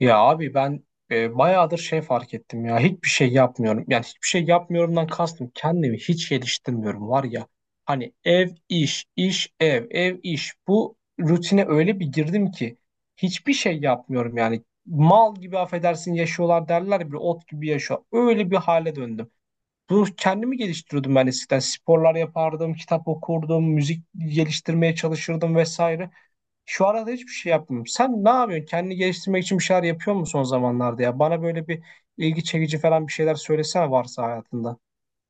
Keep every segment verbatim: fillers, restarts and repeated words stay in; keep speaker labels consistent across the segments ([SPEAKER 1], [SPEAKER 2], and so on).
[SPEAKER 1] Ya abi ben e, bayağıdır şey fark ettim ya hiçbir şey yapmıyorum. Yani hiçbir şey yapmıyorumdan kastım kendimi hiç geliştirmiyorum var ya. Hani ev iş iş ev ev iş bu rutine öyle bir girdim ki hiçbir şey yapmıyorum yani. Mal gibi affedersin yaşıyorlar derler ya, bir ot gibi yaşıyor. Öyle bir hale döndüm. Bu kendimi geliştiriyordum, ben eskiden sporlar yapardım, kitap okurdum, müzik geliştirmeye çalışırdım vesaire. Şu arada hiçbir şey yapmıyorum. Sen ne yapıyorsun? Kendini geliştirmek için bir şeyler yapıyor musun son zamanlarda ya? Bana böyle bir ilgi çekici falan bir şeyler söylesene varsa hayatında.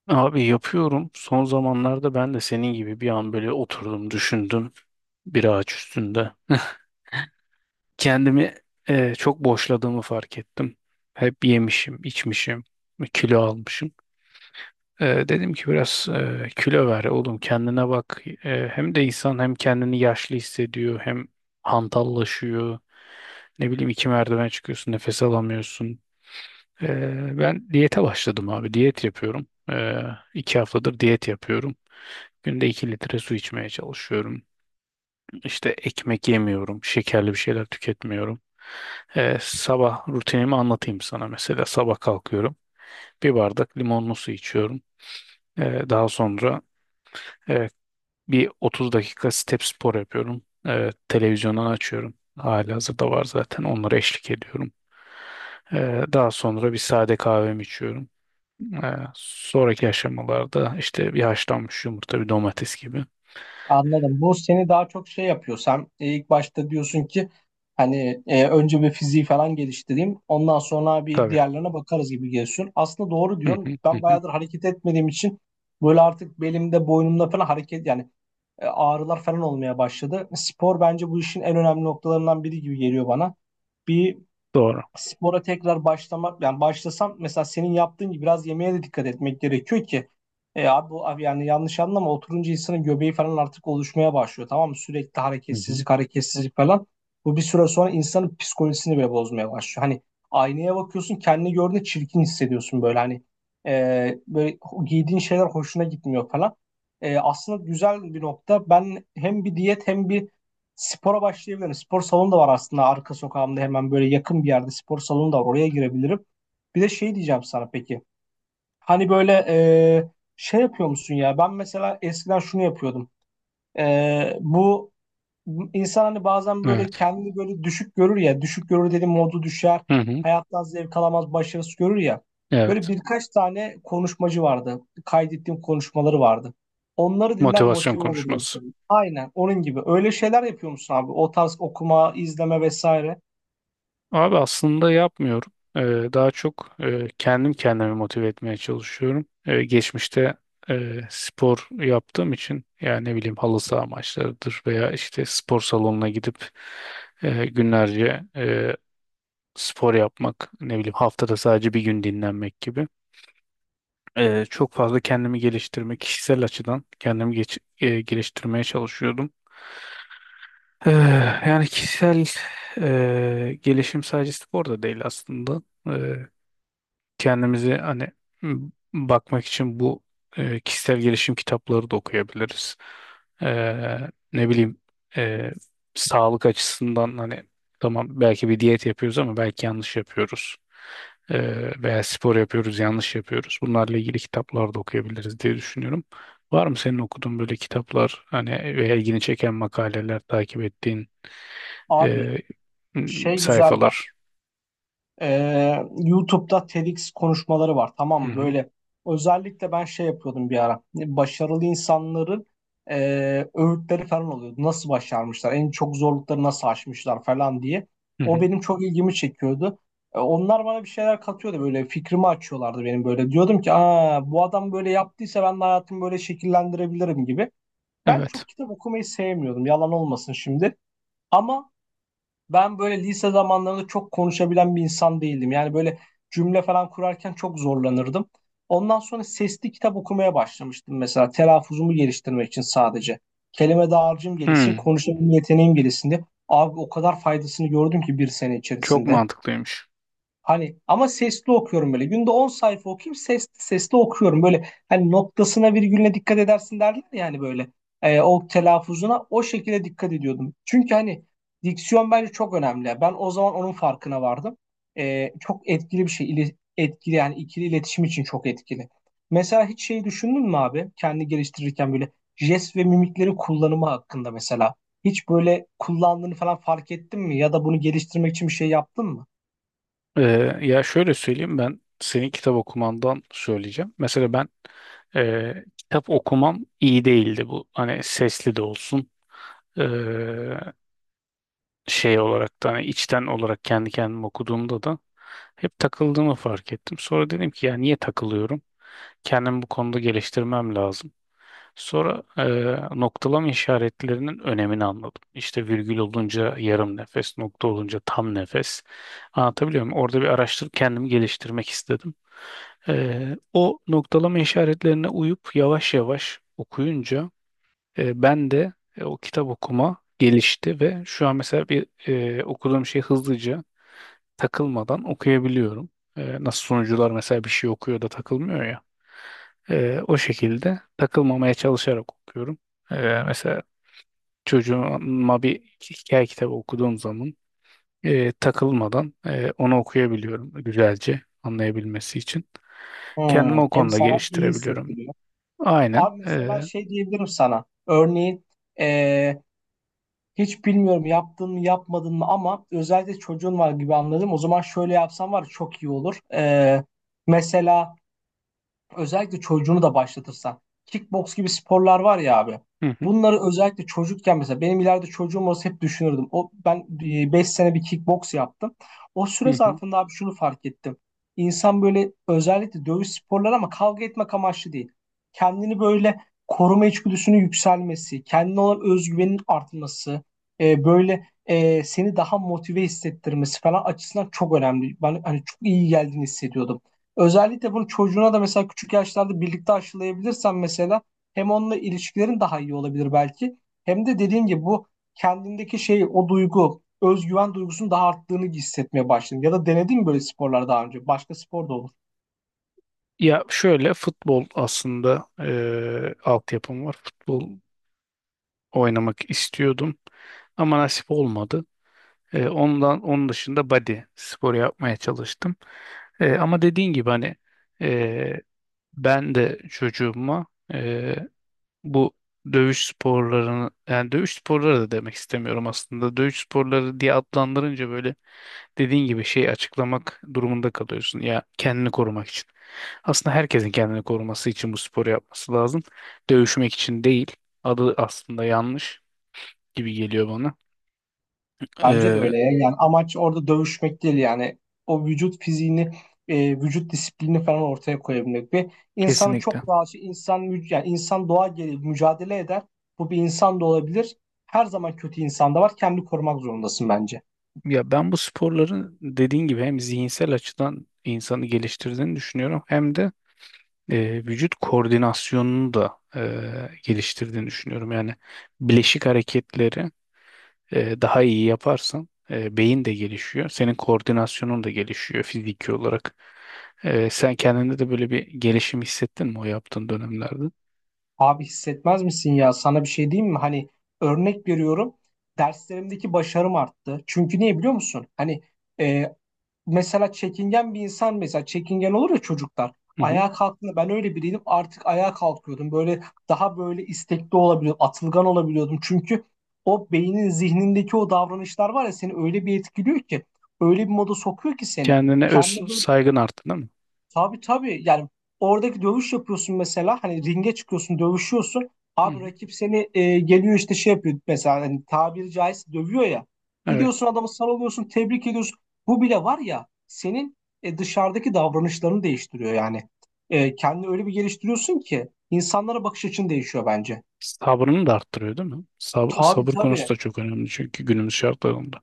[SPEAKER 2] Abi yapıyorum. Son zamanlarda ben de senin gibi bir an böyle oturdum, düşündüm bir ağaç üstünde. Kendimi eh, çok boşladığımı fark ettim. Hep yemişim, içmişim, kilo almışım. Eh, dedim ki biraz eh, kilo ver oğlum kendine bak. Eh, hem de insan hem kendini yaşlı hissediyor hem hantallaşıyor. Ne bileyim iki merdiven çıkıyorsun nefes alamıyorsun. Ee, ben diyete başladım abi. Diyet yapıyorum. Ee, iki haftadır diyet yapıyorum. Günde iki litre su içmeye çalışıyorum. İşte ekmek yemiyorum. Şekerli bir şeyler tüketmiyorum. Ee, sabah rutinimi anlatayım sana. Mesela sabah kalkıyorum. Bir bardak limonlu su içiyorum. Ee, daha sonra e, bir otuz dakika step spor yapıyorum. Ee, televizyondan açıyorum. Halihazırda var zaten. Onlara eşlik ediyorum. Ee, daha sonra bir sade kahvemi içiyorum. Ee, sonraki aşamalarda işte bir haşlanmış yumurta, bir domates gibi.
[SPEAKER 1] Anladım. Bu seni daha çok şey yapıyor. Sen e, ilk başta diyorsun ki hani e, önce bir fiziği falan geliştireyim. Ondan sonra bir
[SPEAKER 2] Tabii.
[SPEAKER 1] diğerlerine bakarız gibi geliyorsun. Aslında doğru
[SPEAKER 2] Hı hı,
[SPEAKER 1] diyorsun.
[SPEAKER 2] hı
[SPEAKER 1] Ben
[SPEAKER 2] hı.
[SPEAKER 1] bayağıdır hareket etmediğim için böyle artık belimde, boynumda falan hareket yani e, ağrılar falan olmaya başladı. Spor bence bu işin en önemli noktalarından biri gibi geliyor bana. Bir
[SPEAKER 2] Doğru.
[SPEAKER 1] spora tekrar başlamak, yani başlasam mesela senin yaptığın gibi biraz yemeğe de dikkat etmek gerekiyor ki e abi, bu- abi yani yanlış anlama, oturunca insanın göbeği falan artık oluşmaya başlıyor, tamam mı? Sürekli
[SPEAKER 2] Hı hı.
[SPEAKER 1] hareketsizlik hareketsizlik falan. Bu bir süre sonra insanın psikolojisini bile bozmaya başlıyor. Hani aynaya bakıyorsun, kendini gördüğünde çirkin hissediyorsun böyle hani e, böyle ho- giydiğin şeyler hoşuna gitmiyor falan. E, aslında güzel bir nokta. Ben hem bir diyet hem bir spora başlayabilirim. Spor salonu da var aslında, arka sokağımda hemen böyle yakın bir yerde spor salonu da var. Oraya girebilirim. Bir de şey diyeceğim sana, peki. Hani böyle e, şey yapıyor musun ya? Ben mesela eskiden şunu yapıyordum. E, bu İnsan hani bazen böyle
[SPEAKER 2] Evet.
[SPEAKER 1] kendini böyle düşük görür ya. Düşük görür dedim, modu düşer.
[SPEAKER 2] Hı hı.
[SPEAKER 1] Hayattan zevk alamaz, başarısız görür ya. Böyle
[SPEAKER 2] Evet.
[SPEAKER 1] birkaç tane konuşmacı vardı. Kaydettiğim konuşmaları vardı. Onları dinler,
[SPEAKER 2] Motivasyon
[SPEAKER 1] motive olurdu.
[SPEAKER 2] konuşması.
[SPEAKER 1] Aynen onun gibi. Öyle şeyler yapıyor musun abi? O tarz okuma, izleme vesaire.
[SPEAKER 2] Abi aslında yapmıyorum. Ee, daha çok e, kendim kendimi motive etmeye çalışıyorum. Ee, geçmişte e, spor yaptığım için yani ne bileyim halı saha maçlarıdır veya işte spor salonuna gidip e, günlerce e, spor yapmak, ne bileyim haftada sadece bir gün dinlenmek gibi. Eee, çok fazla kendimi geliştirme, kişisel açıdan kendimi geç- eee, geliştirmeye çalışıyordum. Eee, yani kişisel eee, gelişim sadece spor da değil aslında kendimizi hani m, bakmak için bu e, kişisel gelişim kitapları da okuyabiliriz. Eee, ne bileyim e, sağlık açısından hani tamam belki bir diyet yapıyoruz ama belki yanlış yapıyoruz. Eee, veya spor yapıyoruz yanlış yapıyoruz. Bunlarla ilgili kitaplar da okuyabiliriz diye düşünüyorum. Var mı senin okuduğun böyle kitaplar hani veya ilgini çeken makaleler takip ettiğin
[SPEAKER 1] Abi
[SPEAKER 2] e, m,
[SPEAKER 1] şey güzel bak.
[SPEAKER 2] sayfalar?
[SPEAKER 1] Ee, YouTube'da TEDx konuşmaları var, tamam
[SPEAKER 2] Hı
[SPEAKER 1] mı?
[SPEAKER 2] hı,
[SPEAKER 1] Böyle özellikle ben şey yapıyordum bir ara. Başarılı insanların e, öğütleri falan oluyordu. Nasıl başarmışlar? En çok zorlukları nasıl aşmışlar falan diye.
[SPEAKER 2] hı
[SPEAKER 1] O
[SPEAKER 2] hı.
[SPEAKER 1] benim çok ilgimi çekiyordu. E, onlar bana bir şeyler katıyordu, böyle fikrimi açıyorlardı benim böyle. Diyordum ki Aa, bu adam böyle yaptıysa ben de hayatımı böyle şekillendirebilirim gibi. Ben
[SPEAKER 2] Evet.
[SPEAKER 1] çok kitap okumayı sevmiyordum, yalan olmasın şimdi. Ama ben böyle lise zamanlarında çok konuşabilen bir insan değildim. Yani böyle cümle falan kurarken çok zorlanırdım. Ondan sonra sesli kitap okumaya başlamıştım mesela. Telaffuzumu geliştirmek için sadece. Kelime dağarcığım gelişsin,
[SPEAKER 2] Hı.
[SPEAKER 1] konuşabilme yeteneğim gelişsin diye. Abi o kadar faydasını gördüm ki bir sene
[SPEAKER 2] Çok
[SPEAKER 1] içerisinde.
[SPEAKER 2] mantıklıymış.
[SPEAKER 1] Hani ama sesli okuyorum böyle. Günde on sayfa okuyayım, sesli sesli okuyorum. Böyle hani noktasına virgülüne dikkat edersin derler yani böyle. Ee, o telaffuzuna o şekilde dikkat ediyordum. Çünkü hani diksiyon bence çok önemli. Ben o zaman onun farkına vardım. Ee, çok etkili bir şey. İli- etkili yani ikili iletişim için çok etkili. Mesela hiç şey düşündün mü abi? Kendi geliştirirken böyle jest ve mimiklerin kullanımı hakkında mesela. Hiç böyle kullandığını falan fark ettin mi? Ya da bunu geliştirmek için bir şey yaptın mı?
[SPEAKER 2] Ee, Ya şöyle söyleyeyim ben senin kitap okumandan söyleyeceğim. Mesela ben e, kitap okumam iyi değildi bu. Hani sesli de olsun e, şey olarak da hani içten olarak kendi kendime okuduğumda da hep takıldığımı fark ettim. Sonra dedim ki ya niye takılıyorum? Kendimi bu konuda geliştirmem lazım. Sonra eee, noktalama işaretlerinin önemini anladım. İşte virgül olunca yarım nefes, nokta olunca tam nefes. Anlatabiliyor muyum? Orada bir araştırıp kendimi geliştirmek istedim. Eee, o noktalama işaretlerine uyup yavaş yavaş okuyunca eee, ben de e, o kitap okuma gelişti ve şu an mesela bir eee, okuduğum şey hızlıca takılmadan okuyabiliyorum. Ee, nasıl sunucular mesela bir şey okuyor da takılmıyor ya. Ee, o şekilde takılmamaya çalışarak okuyorum. Ee, mesela çocuğuma bir hikaye kitabı okuduğum zaman e, takılmadan e, onu okuyabiliyorum güzelce anlayabilmesi için. Kendimi
[SPEAKER 1] Hmm,
[SPEAKER 2] o
[SPEAKER 1] hem
[SPEAKER 2] konuda
[SPEAKER 1] sana iyi
[SPEAKER 2] geliştirebiliyorum.
[SPEAKER 1] hissettiriyor.
[SPEAKER 2] Aynen.
[SPEAKER 1] Abi mesela
[SPEAKER 2] E,
[SPEAKER 1] şey diyebilirim sana. Örneğin eee, hiç bilmiyorum yaptın mı yapmadın mı ama özellikle çocuğun var gibi anladım. O zaman şöyle yapsan var ya, çok iyi olur. Eee, mesela özellikle çocuğunu da başlatırsan. Kickbox gibi sporlar var ya abi.
[SPEAKER 2] hı hı,
[SPEAKER 1] Bunları özellikle çocukken, mesela benim ileride çocuğum olsa hep düşünürdüm. O ben e, beş sene bir kickbox yaptım. O süre
[SPEAKER 2] hı hı.
[SPEAKER 1] zarfında abi şunu fark ettim. İnsan böyle özellikle dövüş sporları ama kavga etmek amaçlı değil. Kendini böyle koruma içgüdüsünün yükselmesi, kendine olan özgüvenin artması, e, böyle e, seni daha motive hissettirmesi falan açısından çok önemli. Ben hani çok iyi geldiğini hissediyordum. Özellikle bunu çocuğuna da mesela küçük yaşlarda birlikte aşılayabilirsen mesela hem onunla ilişkilerin daha iyi olabilir belki. Hem de dediğim gibi bu kendindeki şey, o duygu, özgüven duygusunun daha arttığını hissetmeye başladın. Ya da denedin mi böyle sporlar daha önce? Başka spor da olur.
[SPEAKER 2] Ya şöyle futbol aslında e, altyapım var. Futbol oynamak istiyordum ama nasip olmadı. Ee, ondan onun dışında body spor yapmaya çalıştım. Ee, ama dediğin gibi hani e, ben de çocuğuma e, bu dövüş sporlarını yani dövüş sporları da demek istemiyorum aslında. Dövüş sporları diye adlandırınca böyle dediğin gibi şeyi açıklamak durumunda kalıyorsun ya kendini korumak için. Aslında herkesin kendini koruması için bu sporu yapması lazım. Dövüşmek için değil. Adı aslında yanlış gibi geliyor bana.
[SPEAKER 1] Bence de
[SPEAKER 2] Ee,
[SPEAKER 1] öyle ya. Yani amaç orada dövüşmek değil yani. O vücut fiziğini, e, vücut disiplini falan ortaya koyabilmek ve insanın
[SPEAKER 2] Kesinlikle.
[SPEAKER 1] çok doğası, insan mü- yani insan doğa gereği mücadele eder. Bu bir insan da olabilir. Her zaman kötü insan da var. Kendi korumak zorundasın bence.
[SPEAKER 2] Ya ben bu sporların dediğin gibi hem zihinsel açıdan insanı geliştirdiğini düşünüyorum hem de e, vücut koordinasyonunu da e, geliştirdiğini düşünüyorum. Yani bileşik hareketleri e, daha iyi yaparsan e, beyin de gelişiyor. Senin koordinasyonun da gelişiyor fiziki olarak. E, sen kendinde de böyle bir gelişim hissettin mi o yaptığın dönemlerde?
[SPEAKER 1] Abi hissetmez misin ya? Sana bir şey diyeyim mi? Hani örnek veriyorum. Derslerimdeki başarım arttı. Çünkü niye biliyor musun? Hani e, mesela çekingen bir insan, mesela çekingen olur ya çocuklar.
[SPEAKER 2] Hı hı.
[SPEAKER 1] Ayağa kalktığında ben öyle biriydim, artık ayağa kalkıyordum. Böyle daha böyle istekli olabiliyordum, atılgan olabiliyordum. Çünkü o beynin zihnindeki o davranışlar var ya, seni öyle bir etkiliyor ki öyle bir moda sokuyor ki seni.
[SPEAKER 2] Kendine öz
[SPEAKER 1] Kendine böyle,
[SPEAKER 2] saygın arttı değil mi?
[SPEAKER 1] tabii tabii yani, oradaki dövüş yapıyorsun mesela, hani ringe çıkıyorsun, dövüşüyorsun
[SPEAKER 2] Hı
[SPEAKER 1] abi,
[SPEAKER 2] hı.
[SPEAKER 1] rakip seni e, geliyor işte şey yapıyor mesela, hani tabiri caizse dövüyor ya,
[SPEAKER 2] Evet.
[SPEAKER 1] gidiyorsun adamı sarılıyorsun, tebrik ediyorsun, bu bile var ya senin e, dışarıdaki davranışlarını değiştiriyor yani. E, kendini öyle bir geliştiriyorsun ki insanlara bakış açın değişiyor bence.
[SPEAKER 2] Sabrını da arttırıyor değil mi? Sab-
[SPEAKER 1] Tabii
[SPEAKER 2] sabır
[SPEAKER 1] tabii,
[SPEAKER 2] konusu da çok önemli çünkü günümüz şartlarında.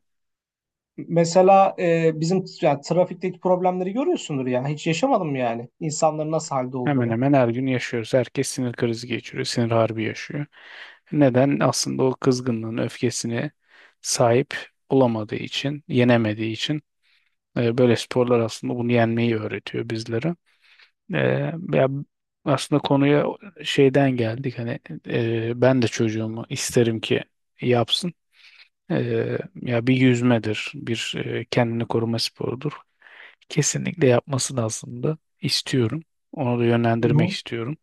[SPEAKER 1] mesela e, bizim yani, trafikteki problemleri görüyorsundur ya, hiç yaşamadım yani insanların nasıl halde
[SPEAKER 2] Hemen
[SPEAKER 1] olduğunu.
[SPEAKER 2] hemen her gün yaşıyoruz. Herkes sinir krizi geçiriyor, sinir harbi yaşıyor. Neden? Aslında o kızgınlığın öfkesine sahip olamadığı için, yenemediği için e, böyle sporlar aslında bunu yenmeyi öğretiyor bizlere. E, Ya aslında konuya şeyden geldik hani e, ben de çocuğumu isterim ki yapsın. E, ya bir yüzmedir, bir e, kendini koruma sporudur. Kesinlikle yapmasını aslında istiyorum. Onu da
[SPEAKER 1] Hı
[SPEAKER 2] yönlendirmek
[SPEAKER 1] hı.
[SPEAKER 2] istiyorum.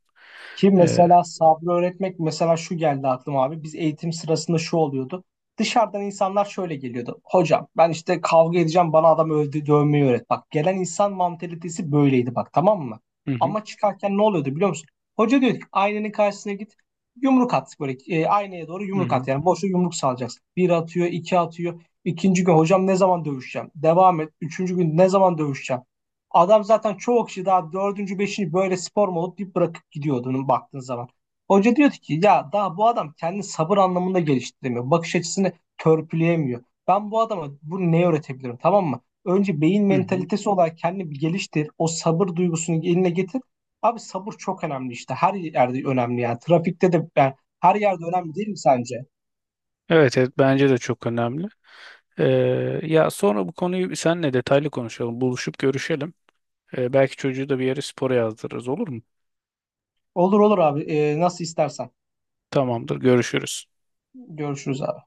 [SPEAKER 1] Ki
[SPEAKER 2] Ee,
[SPEAKER 1] mesela sabrı öğretmek, mesela şu geldi aklıma abi. Biz eğitim sırasında şu oluyordu. Dışarıdan insanlar şöyle geliyordu. Hocam ben işte kavga edeceğim, bana adam öldü, dövmeyi öğret. Bak, gelen insan mantalitesi böyleydi bak, tamam mı?
[SPEAKER 2] hı hı,
[SPEAKER 1] Ama çıkarken ne oluyordu biliyor musun? Hoca diyor ki aynanın karşısına git, yumruk at böyle, e, aynaya doğru
[SPEAKER 2] hı
[SPEAKER 1] yumruk
[SPEAKER 2] hı,
[SPEAKER 1] at. Yani boşa yumruk salacaksın. Bir atıyor, iki atıyor. İkinci gün, hocam ne zaman dövüşeceğim? Devam et. Üçüncü gün, ne zaman dövüşeceğim? Adam zaten, çoğu kişi daha dördüncü, beşinci böyle spor mu olup deyip bırakıp gidiyordu onun baktığın zaman. Hoca diyordu ki ya, daha bu adam kendi sabır anlamında geliştiremiyor. Bakış açısını törpüleyemiyor. Ben bu adama bunu ne öğretebilirim, tamam mı? Önce beyin
[SPEAKER 2] hı hı.
[SPEAKER 1] mentalitesi olarak kendini bir geliştir. O sabır duygusunu eline getir. Abi sabır çok önemli işte. Her yerde önemli yani. Trafikte de yani, her yerde önemli değil mi sence?
[SPEAKER 2] Evet, evet bence de çok önemli. Ee, Ya sonra bu konuyu seninle detaylı konuşalım. Buluşup görüşelim. Ee, belki çocuğu da bir yere spora yazdırırız olur mu?
[SPEAKER 1] Olur olur abi. Ee, nasıl istersen.
[SPEAKER 2] Tamamdır, görüşürüz.
[SPEAKER 1] Görüşürüz abi.